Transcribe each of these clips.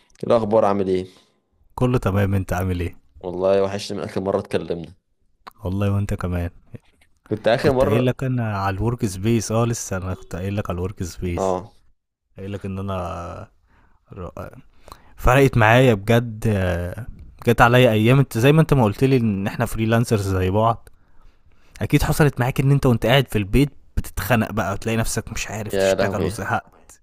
إيه الاخبار؟ عامل ايه؟ كله تمام. انت عامل ايه؟ والله وحشني من اخر مره اتكلمنا. والله وانت كمان. كنت اخر كنت قايل مره. لك انا على الورك سبيس، لسه انا كنت قايل لك على الورك سبيس. اه. قايل لك ان انا ر- فرقت معايا بجد. جت عليا ايام، انت زي ما انت ما قلت لي ان احنا فريلانسرز زي بعض. اكيد حصلت معاك ان انت وانت قاعد في البيت بتتخنق بقى وتلاقي نفسك مش عارف يا تشتغل لهوي. وزهقت.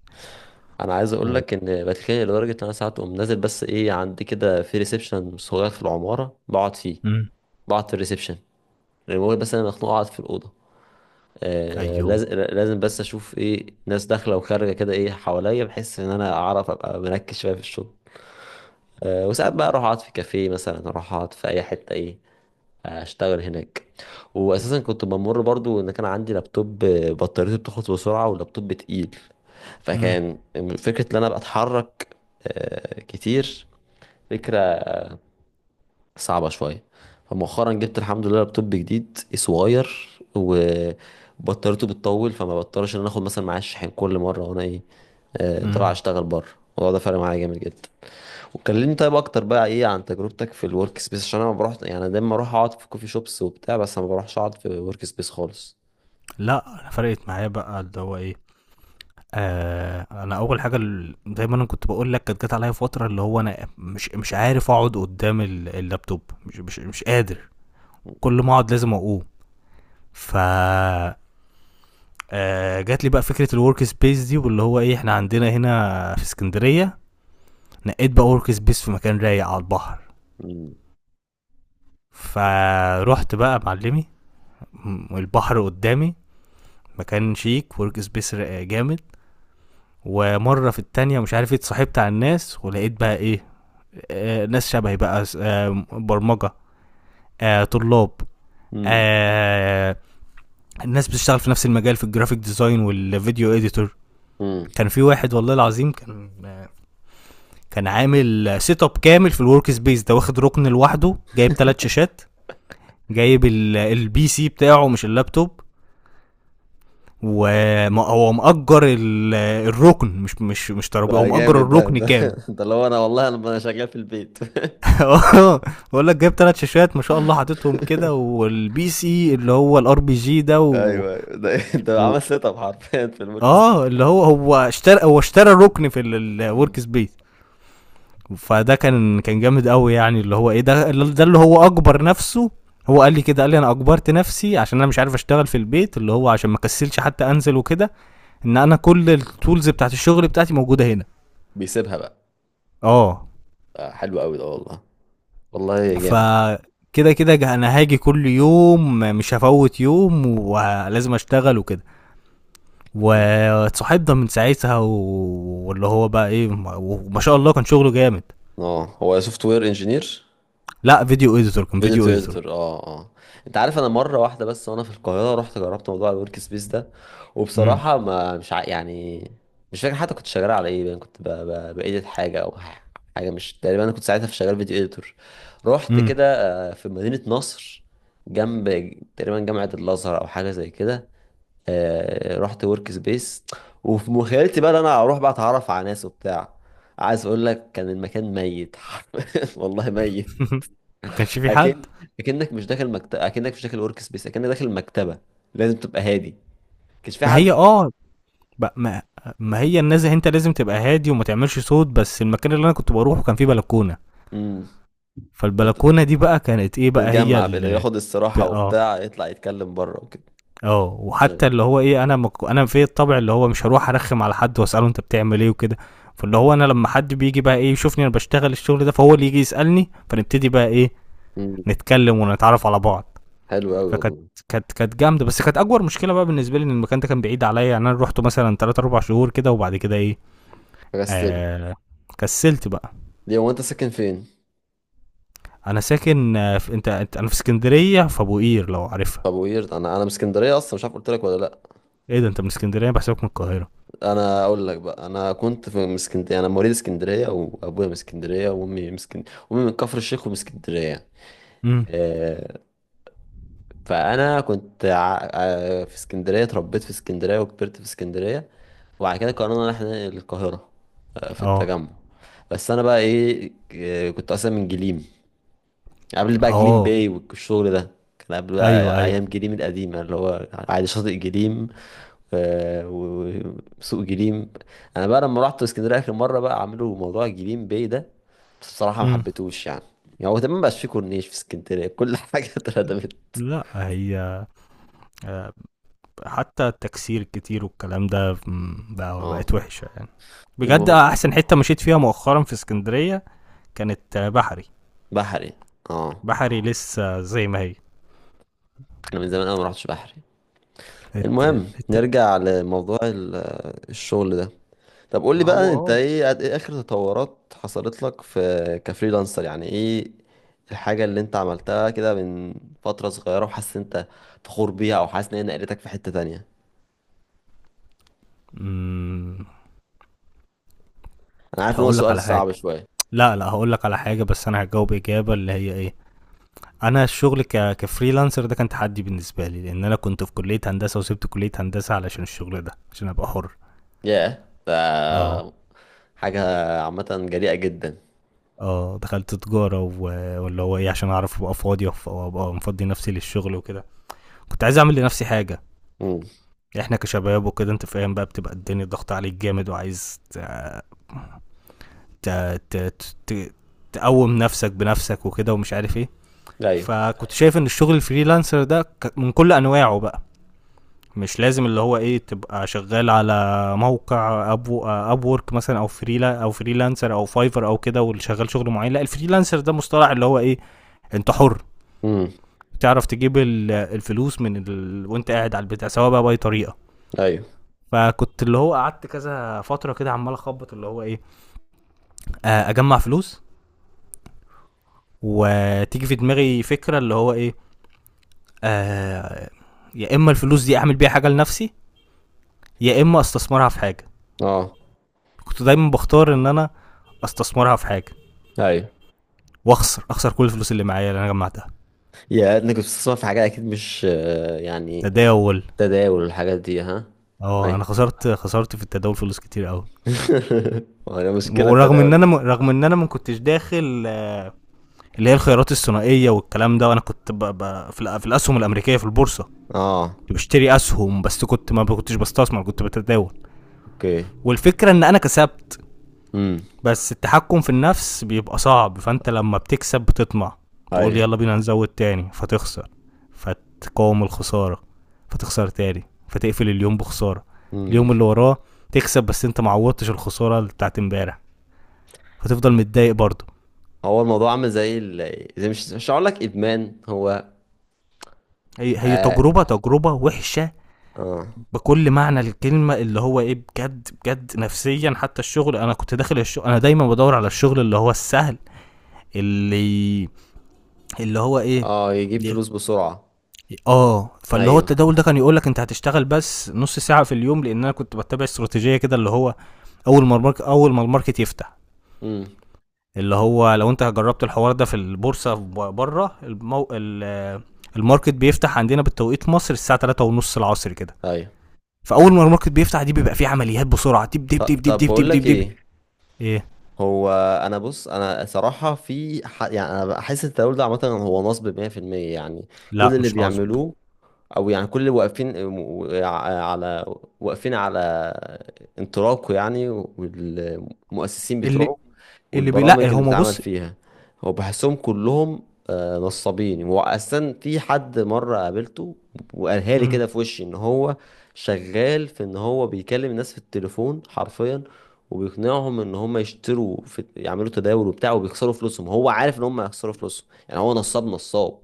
انا عايز اقول و... لك ان بتخانق لدرجه ان انا ساعات اقوم نازل، بس ايه، عندي كده في ريسبشن صغير في العماره بقعد فيه. امم بقعد في الريسبشن. المهم بس انا مخنوق اقعد في الاوضه. ايوه. لازم، لازم بس اشوف ايه ناس داخله وخارجه كده، ايه حواليا، بحس ان انا اعرف ابقى مركز شويه في الشغل. وساعات بقى اروح اقعد في كافيه مثلا، اروح اقعد في اي حته، ايه، اشتغل هناك. واساسا كنت بمر برضو ان كان عندي لابتوب، بطاريته بتخلص بسرعه واللابتوب تقيل. امم فكان فكره ان انا بتحرك كتير، فكره صعبه شويه. فمؤخرا جبت الحمد لله لابتوب جديد صغير وبطاريته بتطول، فما بضطرش ان انا اخد مثلا معايا الشاحن كل مره، وانا ايه، طلع امم اشتغل بره. الموضوع ده فرق معايا جامد جدا. وكلمني طيب اكتر بقى، ايه عن تجربتك في الورك سبيس؟ عشان انا ما بروح يعني، أنا دايما اروح اقعد في كوفي شوبس وبتاع، بس انا ما بروحش اقعد في ورك سبيس خالص. لا، انا فرقت معايا بقى اللي هو ايه. انا اول حاجه، زي ما انا كنت بقول لك، كانت جت عليا فتره اللي هو انا مش عارف اقعد قدام اللابتوب، مش قادر. كل ما اقعد لازم اقوم. ف آه جات لي بقى فكره الورك سبيس دي، واللي هو ايه، احنا عندنا هنا في اسكندريه. نقيت بقى ورك سبيس في مكان رايق على البحر. مم. فروحت بقى معلمي، البحر قدامي، مكان شيك، ورك سبيس جامد. ومره في التانية، مش عارف ايه، اتصاحبت على الناس ولقيت بقى ايه، ناس شبهي بقى، برمجه، طلاب، مم. آه، الناس بتشتغل في نفس المجال، في الجرافيك ديزاين والفيديو اديتور. مم. كان في واحد والله العظيم، كان عامل سيت اب كامل في الورك سبيس ده، واخد ركن لوحده، جايب ثلاث شاشات، جايب البي سي بتاعه مش اللابتوب، وهو مأجر الركن، مش ده ترابيزه، هو مأجر جامد، ده الركن ده كامل. ده اللي هو انا، والله انا، شغال في البيت. اه بقول لك جايب ثلاث شاشات ما شاء الله، حاططهم كده، والبي سي اللي هو الار بي جي ده ايوه، أيوة. ده ده و... عمل سيت اب حرفيا في الورك سبيس. اه اللي هو هو اشترى ركن في الورك مم. سبيس. فده كان جامد قوي، يعني اللي هو ايه، ده اللي هو اكبر نفسه. هو قال لي كده، قال لي انا اجبرت نفسي عشان انا مش عارف اشتغل في البيت، اللي هو عشان ما كسلش حتى انزل وكده، ان انا كل التولز بتاعت الشغل بتاعتي موجوده هنا. بيسيبها بقى. اه. حلو قوي ده والله. والله جامد. فكده كده انا هاجي كل يوم، مش هفوت يوم، ولازم اشتغل وكده. مم. واتصاحبنا من ساعتها واللي هو بقى ايه، وما شاء الله كان شغله جامد. اه هو سوفت وير انجينير. لا، فيديو اديتور، كان فيديو اديتور اديتور. اديتور، اه اه. انت عارف، انا مره واحده بس وانا في القاهره رحت جربت موضوع الورك سبيس ده، امم وبصراحه ما مش يعني، مش فاكر حتى كنت شغال على ايه، يعني كنت بايديت حاجه او حاجه. مش تقريبا انا كنت ساعتها في شغال فيديو اديتور. رحت امم كده في مدينه نصر، جنب تقريبا جامعه الازهر او حاجه زي كده. رحت ورك سبيس، وفي مخيلتي بقى ان انا اروح بقى اتعرف على ناس وبتاع. عايز اقول لك، كان المكان ميت. والله ميت. ما كانش في حد. اكن، اكنك مش داخل مكتب، اكنك مش داخل ورك سبيس، اكنك داخل مكتبه، لازم تبقى هادي. كانش في ما حد. هي اه ب- ما ما هي الناس، انت لازم تبقى هادي وما تعملش صوت، بس المكان اللي انا كنت بروحه كان فيه بلكونه. امم. بت- فالبلكونه دي بقى كانت ايه بقى هي تتجمع في اللي ياخد الصراحه اه، وبتاع يطلع يتكلم بره وكده. اه، أيوة. وحتى اللي هو ايه، انا في الطبع اللي هو مش هروح ارخم على حد واساله انت بتعمل ايه وكده. فاللي هو انا لما حد بيجي بقى ايه يشوفني انا بشتغل الشغل ده، فهو اللي يجي يسالني، فنبتدي بقى ايه، امم. نتكلم ونتعرف على بعض. حلو قوي فكانت والله. كانت كانت جامده، بس كانت اكبر مشكله بقى بالنسبه لي ان المكان ده كان بعيد عليا، يعني انا روحته مثلا 3 4 شهور كده وبعد كده ايه، فكستله. آه... كسلت بقى. ليه؟ هو انت ساكن فين؟ انا ساكن انا في اسكندريه، في ابو قير لو عارفها. طب ويرد، انا من اسكندريه اصلا، مش عارف قلت لك ولا لا. ايه ده! انت من اسكندريه؟ بحسابك من القاهره. انا اقول لك بقى، انا كنت في من اسكندريه، انا مواليد اسكندريه، وابويا من اسكندريه، وامي من اسكندريه، وامي من كفر الشيخ ومن اسكندريه. امم. آه، فانا كنت في اسكندريه، اتربيت في اسكندريه وكبرت في اسكندريه. وبعد كده قررنا ان احنا ننقل القاهره، في اه، التجمع. بس انا بقى ايه، كنت اصلا من جليم. قبل بقى جليم اه. باي والشغل ده، كان قبل ايوه، بقى ايوه. ايام جليم القديمه اللي هو عادي شاطئ جليم، و- وسوق جليم. انا بقى لما رحت اسكندريه اخر مره، بقى عملوا موضوع جليم باي ده، بس بصراحه ما امم. حبيتهوش يعني. يعني هو تمام، مبقاش فيه كورنيش في اسكندريه، كل حاجه اتردمت. لأ، هي، آآ حتى التكسير الكتير والكلام ده بقى اه. بقت وحشة يعني. بجد، المهم أحسن حتة مشيت فيها مؤخرًا في إسكندرية كانت، بحري. بحري. اه. بحري لسه زي ما هي. انا من زمان انا ما رحتش بحري. الت المهم الت نرجع لموضوع الشغل ده. طب قول لي ما هو بقى، انت آه. ايه اخر تطورات حصلت لك في كفريلانسر يعني؟ ايه الحاجة اللي انت عملتها كده من فترة صغيرة وحاسس إن انت فخور بيها، او حاسس ان هي نقلتك في حتة تانية؟ إمم، انا عارف ان هو هاقول لك سؤال على حاجة. صعب شوية. لأ، لأ، هاقول لك على حاجة، بس أنا هاجاوب إجابة اللي هي إيه، أنا الشغل كfreelancer ده كان تحدي بالنسبة لي، لإن أنا كنت في كلية هندسة وسِبت كلية هندسة علشان الشغل ده، عشان أبقى حُر. ياه، ده آه، حاجة عامة جريئة جدا. دخلت تجارة واللي هو إيه، عشان أعرف أبقى فاضي وأبقى مفضي نفسي للشغل وكده. كنت عايز أعمل لنفسي حاجة. امم. إحنا كشباب وكده أنت فاهم بقى، بتبقى الدنيا ضغط عليك جامد وعايز ت... ت... ت... تقوم نفسك بنفسك وكده ومش عارف إيه. ايوه. فكنت شايف إن الشغل الفريلانسر ده من كل أنواعه بقى، مش لازم اللي هو ايه تبقى شغال على موقع ابو اب وورك مثلا او فريلانسر او فايفر او كده واللي شغال شغل معين. لا، الفريلانسر ده مصطلح اللي هو ايه، انت حر، امم. بتعرف تجيب الفلوس وانت قاعد على البتاع، سواء بقى باي طريقه. ايوه. فكنت اللي هو قعدت كذا فتره كده عمال اخبط اللي هو ايه، اجمع فلوس، وتيجي في دماغي فكره اللي هو ايه، آه، يا اما الفلوس دي اعمل بيها حاجه لنفسي، يا اما استثمرها في حاجه. اه. كنت دايما بختار ان انا استثمرها في حاجه، ايوه. واخسر اخسر كل الفلوس اللي معايا اللي انا جمعتها. يا انك كنت بتسمع في حاجة اكيد، مش يعني، تداول. تداول والحاجات دي، ها؟ اه، ايوه. انا خسرت خسرت في التداول فلوس كتير قوي. ما هي مشكلة ورغم ان التداول ده. انا رغم ان انا ما كنتش داخل، اللي هي الخيارات الثنائيه والكلام ده، وانا كنت في الاسهم الامريكيه في البورصه. اه. كنت بشتري اسهم، بس كنت ما كنتش بستثمر، كنت بتداول. اوكي. والفكره ان انا كسبت، امم. بس التحكم في النفس بيبقى صعب، فانت لما بتكسب بتطمع، تقول ايوه. يلا بينا نزود تاني فتخسر، فتقاوم الخساره، فتخسر تاني، فتقفل اليوم بخساره. امم. اليوم اللي وراه تكسب، بس انت معوضتش الخساره بتاعت امبارح، فتفضل متضايق برضه. هو الموضوع عامل زي زي، مش هقول لك ادمان هو. هي اه. تجربه تجربه وحشه، اه. بكل معنى الكلمه اللي هو ايه، بجد بجد، نفسيا حتى. الشغل انا كنت داخل الشغل انا دايما بدور على الشغل اللي هو السهل، اللي اللي هو ايه. يجيب فلوس بسرعة. اه، فاللي هو ايوه. التداول ده كان يقول لك انت هتشتغل بس نص ساعه في اليوم، لان انا كنت بتبع استراتيجيه كده، اللي هو اول ما الماركت يفتح، امم. اللي هو لو انت جربت الحوار ده في البورصه، بره المو... ال- الماركت بيفتح عندنا بالتوقيت مصر الساعه 3 ونص العصر كده. ايوه. فاول ما الماركت بيفتح دي بيبقى فيه عمليات بسرعه، دب دب دب دب طب دب دب بقول دب لك دب. ايه. ايه. هو، انا بص، انا صراحة في يعني، انا بحس التداول ده عامة هو نصب 100% يعني. كل لا، اللي مش نصب. بيعملوه، او يعني كل اللي واقفين، على، واقفين على انطلاقه يعني، والمؤسسين اللي بتوعه لا، والبرامج اللي هما بتتعمل بص. فيها، هو بحسهم كلهم نصابين. واصلا في حد مره قابلته وقالها لي مم. كده في وشي ان هو شغال في، ان هو بيكلم الناس في التليفون حرفيا، وبيقنعهم ان هم يشتروا في يعملوا تداول وبتاع وبيخسروا فلوسهم، هو عارف ان هم هيخسروا فلوسهم، يعني هو نصاب، نصاب.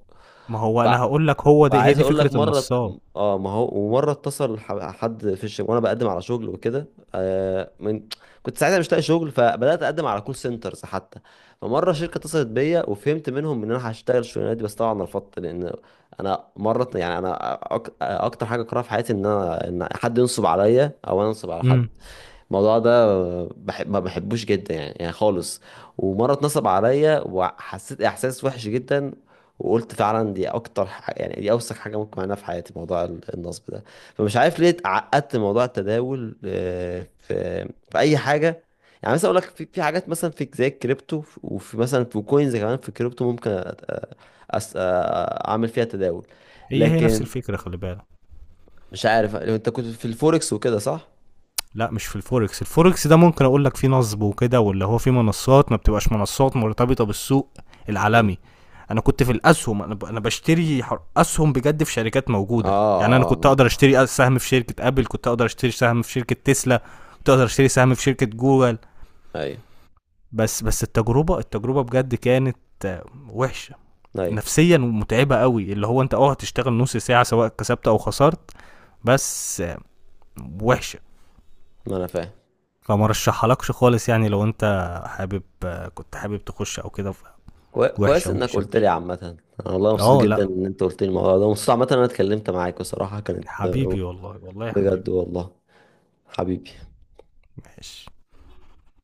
ما هو انا هقول لك، هو ده، هي وعايز دي اقول فكره لك مره. النصاب. اه، ما هو، ومره اتصل حد في الشغل وانا بقدم على شغل وكده، آه من كنت ساعتها مش لاقي شغل، فبدات اقدم على كول سنترز حتى. فمره شركه اتصلت بيا وفهمت منهم ان انا هشتغل الشغلانه دي، بس طبعا رفضت، لان انا مره يعني انا، اكتر حاجه اكرهها في حياتي ان انا، ان حد ينصب عليا او انا انصب على حد. امم. الموضوع ده بحب، ما بحبوش جدا يعني، يعني خالص. ومره اتنصب عليا وحسيت احساس وحش جدا، وقلت فعلا دي اكتر يعني دي اوسخ حاجه ممكن اعملها في حياتي، موضوع النصب ده. فمش عارف ليه اتعقدت من موضوع التداول في، في اي حاجه. يعني مثلا اقول لك في، في حاجات مثلا في زي الكريبتو، وفي مثلا في كوينز كمان في الكريبتو ممكن أس- أ- اعمل فيها تداول. هي نفس لكن الفكره، خلي بالك. مش عارف، انت كنت في الفوركس وكده، صح؟ لا، مش في الفوركس. الفوركس ده ممكن اقول لك فيه نصب وكده، واللي هو فيه منصات ما بتبقاش منصات مرتبطة بالسوق مم. العالمي. انا كنت في الاسهم، انا انا بشتري اسهم بجد في شركات اه موجودة يعني. انا اه كنت آه. اقدر اشتري سهم في شركة ابل، كنت اقدر اشتري سهم في شركة تسلا، كنت اقدر اشتري سهم في شركة جوجل. ايوه بس التجربة بجد كانت، آه، وحشة، ايوه. نفسيا ومتعبة قوي، اللي هو انت هتشتغل نص ساعة سواء كسبت او خسرت، بس وحشة. ما انا فاهم. فما رشحلكش خالص. يعني لو انت حابب كنت حابب تخش او كده، كويس وحشه انك وحشه قلت لي. وحشه. عامة انا والله مبسوط اه، جدا لا، ان انت قلت لي الموضوع ده. مبسوط عامة إن انا اتكلمت معاك بصراحة كانت حبيبي والله، والله يا بجد، حبيبي. والله. حبيبي. ماشي.